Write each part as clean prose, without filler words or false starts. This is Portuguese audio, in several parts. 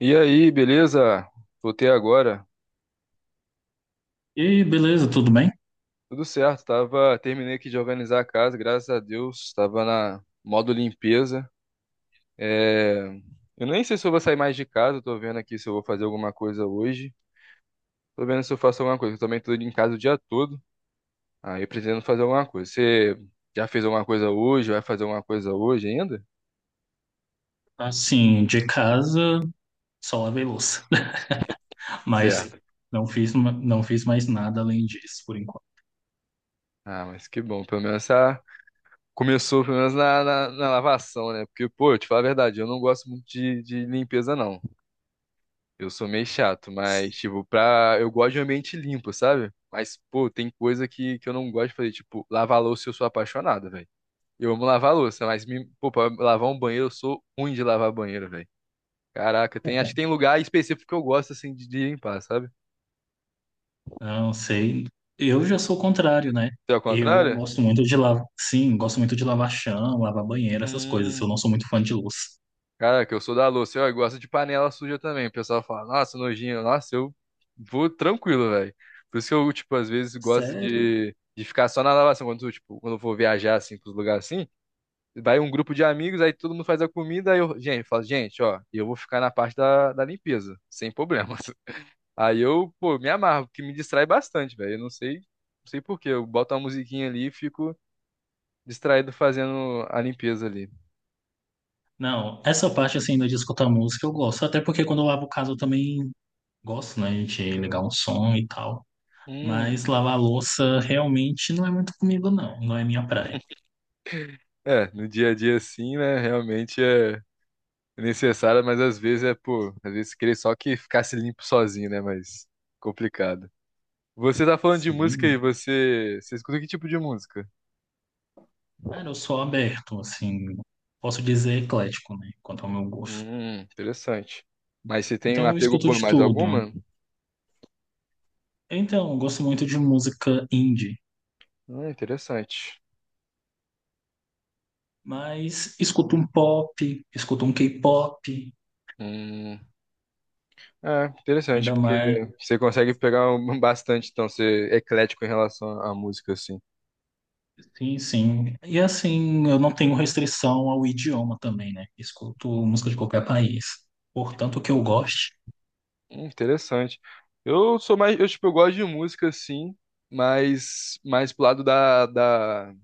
E aí, beleza? Voltei agora. E aí, beleza, tudo bem? Tudo certo, tava, terminei aqui de organizar a casa, graças a Deus, tava na modo limpeza. É, eu nem sei se eu vou sair mais de casa, tô vendo aqui se eu vou fazer alguma coisa hoje. Tô vendo se eu faço alguma coisa, eu também tô em casa o dia todo. Aí pretendo fazer alguma coisa. Você já fez alguma coisa hoje? Vai fazer alguma coisa hoje ainda? Assim, de casa, só lavei louça, mas Certo. não fiz, não fiz mais nada além disso, por enquanto. Ah, mas que bom, pelo menos começou pelo menos na lavação, né? Porque, pô, eu te falar a verdade, eu não gosto muito de limpeza, não. Eu sou meio chato, mas, tipo, pra. Eu gosto de ambiente limpo, sabe? Mas, pô, tem coisa que eu não gosto de fazer. Tipo, lavar louça eu sou apaixonado, velho. Eu amo lavar louça, mas, pô, pra lavar um banheiro eu sou ruim de lavar banheiro, velho. Caraca, acho que tem lugar específico que eu gosto, assim, de limpar, sabe? Não sei, eu já sou o contrário, né? Você é ao Eu contrário? gosto muito de lavar, sim, gosto muito de lavar chão, lavar banheiro, essas coisas. Eu Hum. não sou muito fã de louça. Caraca, eu sou da louça. Eu gosto de panela suja também. O pessoal fala, nossa, nojinho. Nossa, eu vou tranquilo, velho. Por isso que eu, tipo, às vezes gosto Sério? de ficar só na lavação, quando, eu, tipo, quando eu vou viajar, assim, pros lugares assim, vai um grupo de amigos, aí todo mundo faz a comida, aí eu, gente, falo, gente, ó, eu vou ficar na parte da limpeza, sem problemas. Aí eu, pô, me amarro, porque me distrai bastante, velho. Eu não sei, não sei por quê. Eu boto uma musiquinha ali e fico distraído fazendo a limpeza ali. Não, essa parte assim ainda de escutar música eu gosto, até porque quando eu lavo casa eu também gosto, né, de ligar um som e tal. Mas Hum. lavar louça realmente não é muito comigo, não, não é minha praia. É, no dia a dia sim né, realmente é necessário, mas às vezes é, pô, às vezes queria só que ficasse limpo sozinho, né, mas complicado. Você tá falando de música aí, Sim, você, você escuta que tipo de música? cara, eu sou aberto, assim, posso dizer eclético, né, quanto ao meu gosto. Interessante. Mas você tem um Então eu apego escuto por de mais tudo. alguma? Então, eu gosto muito de música indie, Interessante. mas escuto um pop, escuto um K-pop, Hum, é, interessante, ainda porque mais. você consegue pegar bastante, então, ser eclético em relação à música, assim. Sim, sim. E assim, eu não tenho restrição ao idioma também, né? Escuto música de qualquer país. Portanto, o que eu goste. Interessante. Eu sou mais, eu, tipo, eu gosto de música, assim, mas mais pro lado da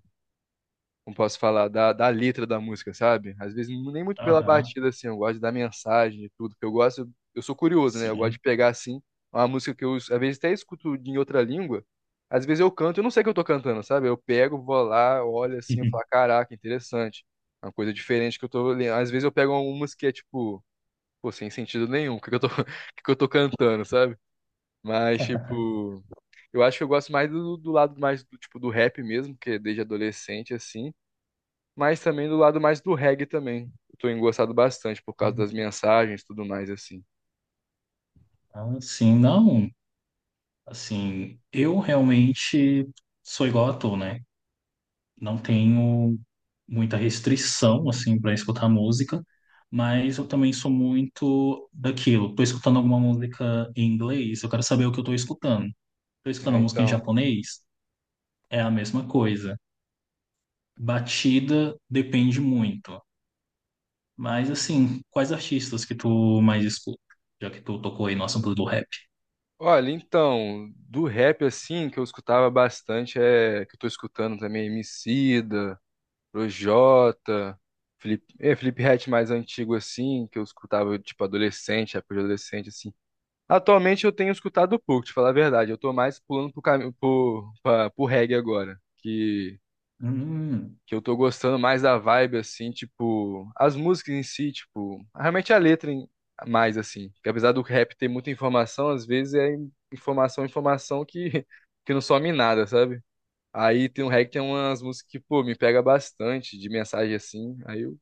como posso falar, da letra da música, sabe? Às vezes nem muito pela Aham, batida, assim, eu gosto da mensagem e tudo, porque eu gosto, eu sou curioso, né? Eu gosto sim. de pegar, assim, uma música que eu, às vezes, até escuto em outra língua, às vezes eu canto, eu não sei o que eu tô cantando, sabe? Eu pego, vou lá, olho assim, eu falo, caraca, interessante. Uma coisa diferente que eu tô lendo. Às vezes eu pego uma música que é, tipo, pô, sem sentido nenhum, o que que eu tô, o que que eu tô cantando, sabe? Mas, tipo, eu acho que eu gosto mais do lado mais do, tipo, do rap mesmo, que desde adolescente, assim, mas também do lado mais do reggae também. Eu tô engrossado bastante por causa das mensagens e tudo mais, assim. Ah, sim, não. Assim, eu realmente sou igual a tu, né? Não tenho muita restrição assim para escutar música, mas eu também sou muito daquilo. Estou escutando alguma música em inglês, eu quero saber o que eu estou escutando. Estou escutando É, música em então. japonês, é a mesma coisa. Batida depende muito. Mas assim, quais artistas que tu mais escuta? Já que tu tocou aí no assunto do rap. Olha, então, do rap, assim, que eu escutava bastante, é que eu tô escutando também Emicida, Projota, Felipe, é, Felipe Ret mais antigo, assim, que eu escutava, tipo, adolescente, época de adolescente, assim. Atualmente eu tenho escutado pouco, te falar a verdade. Eu tô mais pulando pro caminho, pro reggae agora. Hum, Que eu tô gostando mais da vibe, assim, tipo, as músicas em si, tipo, realmente a letra mais, assim. Que apesar do rap ter muita informação, às vezes é informação, informação que, que não some em nada, sabe? Aí tem um rap que tem umas músicas que, pô, me pega bastante de mensagem assim, aí eu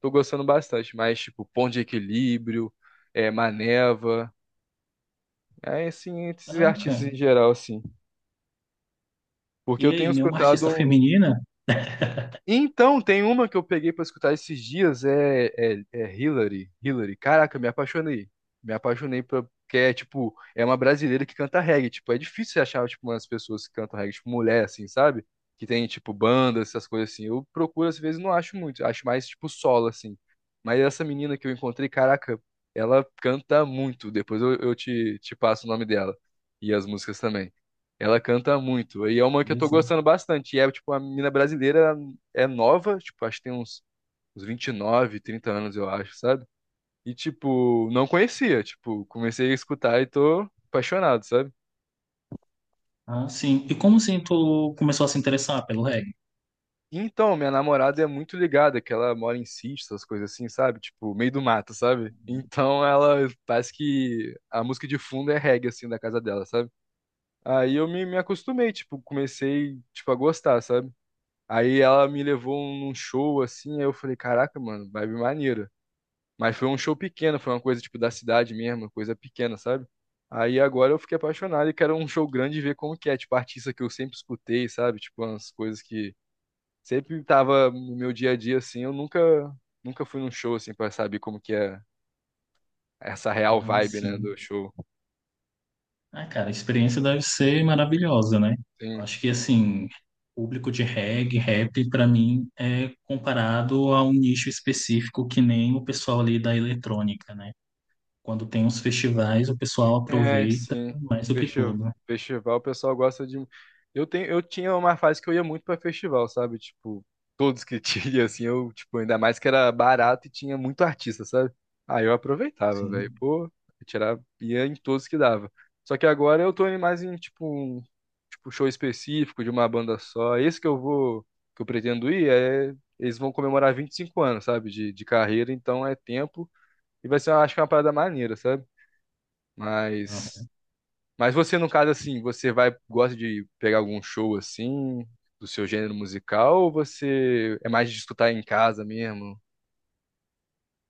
tô gostando bastante, mas, tipo, Ponto de Equilíbrio, é, Maneva, é, assim, esses artistas em caraca. geral, assim. Porque E eu tenho aí, nenhuma artista escutado. feminina? Então, tem uma que eu peguei pra escutar esses dias, é Hillary. Hillary. Caraca, me apaixonei. Me apaixonei pra, porque é, tipo, é uma brasileira que canta reggae. Tipo, é difícil você achar, tipo, umas pessoas que cantam reggae, tipo, mulher, assim, sabe? Que tem, tipo, bandas, essas coisas assim. Eu procuro, às vezes, não acho muito. Acho mais, tipo, solo, assim. Mas essa menina que eu encontrei, caraca, ela canta muito. Depois eu te passo o nome dela. E as músicas também. Ela canta muito. E é uma que eu tô Beleza. gostando bastante. E é, tipo, uma menina brasileira é nova, tipo, acho que tem uns, uns 29, 30 anos, eu acho, sabe? E, tipo, não conhecia, tipo, comecei a escutar e tô apaixonado, sabe? Ah, sim. E como assim tu começou a se interessar pelo reggae? E então, minha namorada é muito ligada, que ela mora em sítio, essas coisas assim, sabe? Tipo, meio do mato, sabe? Então, ela parece que a música de fundo é reggae, assim, da casa dela, sabe? Aí eu me acostumei, tipo, comecei, tipo, a gostar, sabe? Aí ela me levou num show, assim, aí eu falei, caraca, mano, vibe maneiro. Mas foi um show pequeno, foi uma coisa tipo da cidade mesmo, uma coisa pequena, sabe? Aí agora eu fiquei apaixonado e quero um show grande e ver como que é, tipo, artista que eu sempre escutei, sabe? Tipo, umas coisas que sempre tava no meu dia a dia, assim, eu nunca, nunca fui num show, assim, pra saber como que é essa real Ah, vibe, né, sim. do show. Ah, cara, a experiência deve ser maravilhosa, né? Eu Sim. acho que, assim, público de reggae, rap, pra mim, é comparado a um nicho específico que nem o pessoal ali da eletrônica, né? Quando tem uns festivais, o pessoal É, aproveita sim. mais do que Festival, tudo. festival, o pessoal gosta de. Eu tenho, eu tinha uma fase que eu ia muito pra festival, sabe? Tipo, todos que tinha, assim, eu, tipo, ainda mais que era barato e tinha muito artista, sabe? Aí eu aproveitava, velho. Sim. Pô, eu tirava, ia em todos que dava. Só que agora eu tô indo mais em, tipo, um, tipo, show específico de uma banda só. Esse que eu vou, que eu pretendo ir, é. Eles vão comemorar 25 anos, sabe? De carreira, então é tempo. E vai ser, eu acho que é uma parada maneira, sabe? Mas. Ah, Mas você, no caso, assim, você vai, gosta de pegar algum show assim, do seu gênero musical, ou você é mais de escutar em casa mesmo?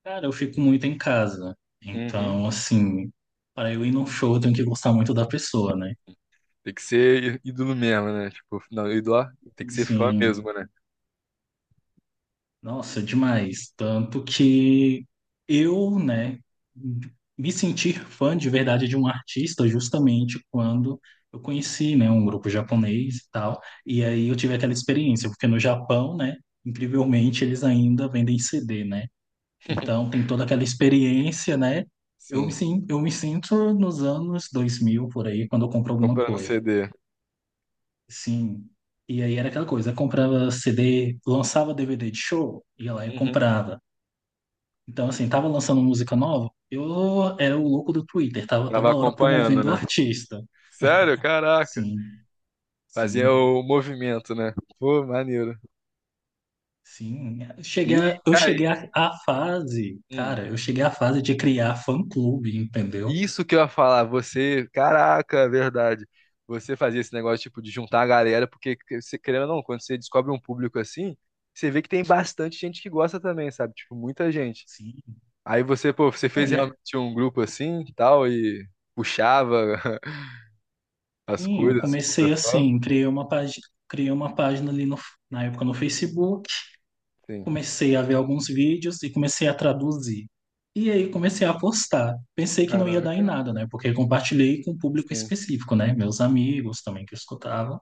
cara, eu fico muito em casa. Uhum. Então, assim, para eu ir num show, eu tenho que gostar muito da pessoa, né? Tem que ser ídolo mesmo, né? Tipo, não, ídolo, ó, tem que ser fã Sim. mesmo, né? Nossa, demais. Tanto que eu, né, me sentir fã de verdade de um artista justamente quando eu conheci, né, um grupo japonês e tal. E aí eu tive aquela experiência, porque no Japão, né, incrivelmente eles ainda vendem CD, né? Então tem toda aquela experiência, né? Eu me, Sim, eu me sinto nos anos 2000 por aí, quando eu compro alguma comprando coisa. CD. Sim. E aí era aquela coisa, eu comprava CD, lançava DVD de show, ia lá e Uhum. comprava. Então, assim, tava lançando música nova, eu era o louco do Twitter, tava Tava toda hora acompanhando, promovendo o né? artista. Sério? Caraca. Sim, Fazia sim, o movimento, né? Pô, maneiro. sim. Cheguei E a- eu aí? cheguei à fase, cara, eu cheguei à fase de criar fã-clube, entendeu? Isso que eu ia falar, você, caraca, é verdade. Você fazia esse negócio tipo de juntar a galera, porque você querendo ou não, quando você descobre um público assim, você vê que tem bastante gente que gosta também, sabe? Tipo, muita gente. Sim. Aí você, pô, você Não, fez e realmente um grupo assim, e tal e puxava as assim, eu coisas pro comecei pessoal? assim, criei uma página, ali no, na época no Facebook. Sim. Comecei a ver alguns vídeos e comecei a traduzir. E aí comecei a postar. Pensei que não ia dar em Caraca. nada, né? Porque compartilhei com um público Sim. específico, né? Meus amigos também que escutavam.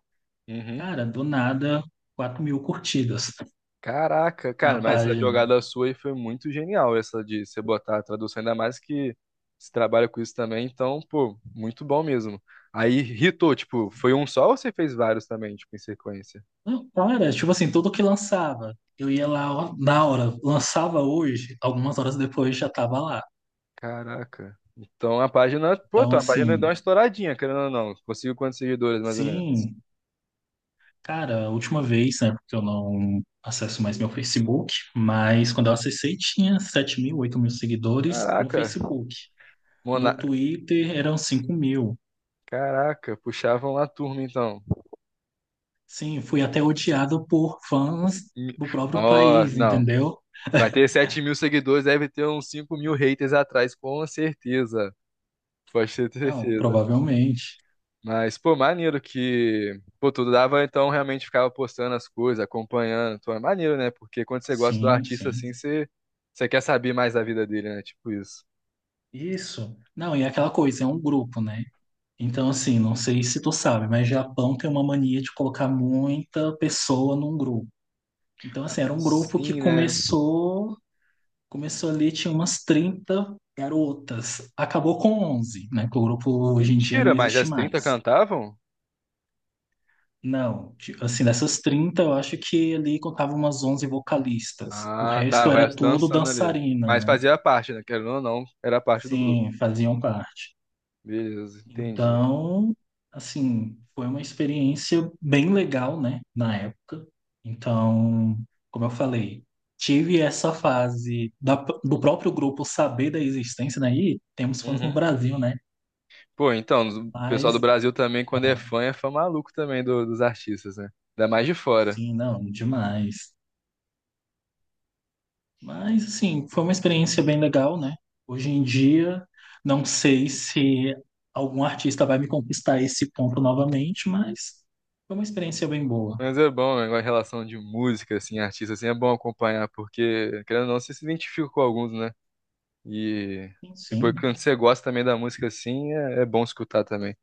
Uhum. Cara, do nada, 4.000 curtidas Caraca, cara, na mas essa página. jogada sua aí foi muito genial, essa de você botar a tradução, ainda mais que você trabalha com isso também, então, pô, muito bom mesmo. Aí hitou, tipo, foi um só ou você fez vários também, tipo, em sequência? Não, cara, tipo assim, tudo que lançava. Eu ia lá ó, na hora, lançava hoje, algumas horas depois já tava lá. Caraca. Então a página, pô, Então, então a página deu assim, uma estouradinha, querendo ou não. Conseguiu quantos seguidores, mais ou menos? sim, cara, a última vez, né, porque eu não acesso mais meu Facebook, mas quando eu acessei tinha 7.000, 8.000 seguidores no Caraca, Facebook. No mona... Twitter eram 5.000. Caraca, puxavam lá a turma, então. Sim, fui até odiado por fãs Hum, do próprio Ó, país, não. entendeu? Vai ter 7 mil seguidores, deve ter uns 5 mil haters atrás, com certeza. Pode ter Não, certeza. provavelmente. Mas, pô, maneiro que, pô, tudo dava, então realmente ficava postando as coisas, acompanhando. Então é maneiro, né? Porque quando você gosta do Sim, artista sim. assim, você, você quer saber mais da vida dele, né? Tipo isso. Isso. Não, e é aquela coisa, é um grupo, né? Então, assim, não sei se tu sabe, mas Japão tem uma mania de colocar muita pessoa num grupo. Então, assim, era um grupo que Sim, né? começou. Começou ali, tinha umas 30 garotas. Acabou com 11, né? Que o grupo hoje em dia não Mentira, mas existe as 30 mais. cantavam? Não, ti- assim, dessas 30 eu acho que ali contava umas 11 vocalistas. O Ah, tá, resto o era resto tudo dançando ali. dançarina, Mas né? fazia parte, né? Querendo ou não, era parte do grupo. Sim, faziam parte. Beleza, entendi. Então, assim, foi uma experiência bem legal, né? Na época. Então, como eu falei, tive essa fase da- do próprio grupo saber da existência, né? E temos fãs no Uhum. Brasil, né? Pô, então, o pessoal do Mas, Brasil também, quando ah, é fã maluco também dos artistas, né? Ainda mais de fora. sim, não, demais. Mas, assim, foi uma experiência bem legal, né? Hoje em dia, não sei se algum artista vai me conquistar esse ponto novamente, mas foi uma experiência bem boa. Mas é bom, né? Em relação de música, assim, artista, assim, é bom acompanhar, porque, querendo ou não, você se identifica com alguns, né? E Sim, depois, sim. quando você gosta também da música, assim, é, é bom escutar também.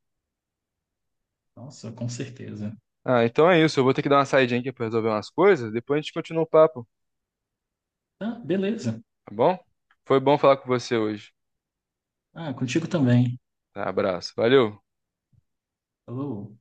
Nossa, com certeza. Ah, então é isso. Eu vou ter que dar uma saidinha aqui pra resolver umas coisas, depois a gente continua o papo, Ah, beleza. tá bom? Foi bom falar com você hoje. Ah, contigo também. Tá, abraço. Valeu! Falou.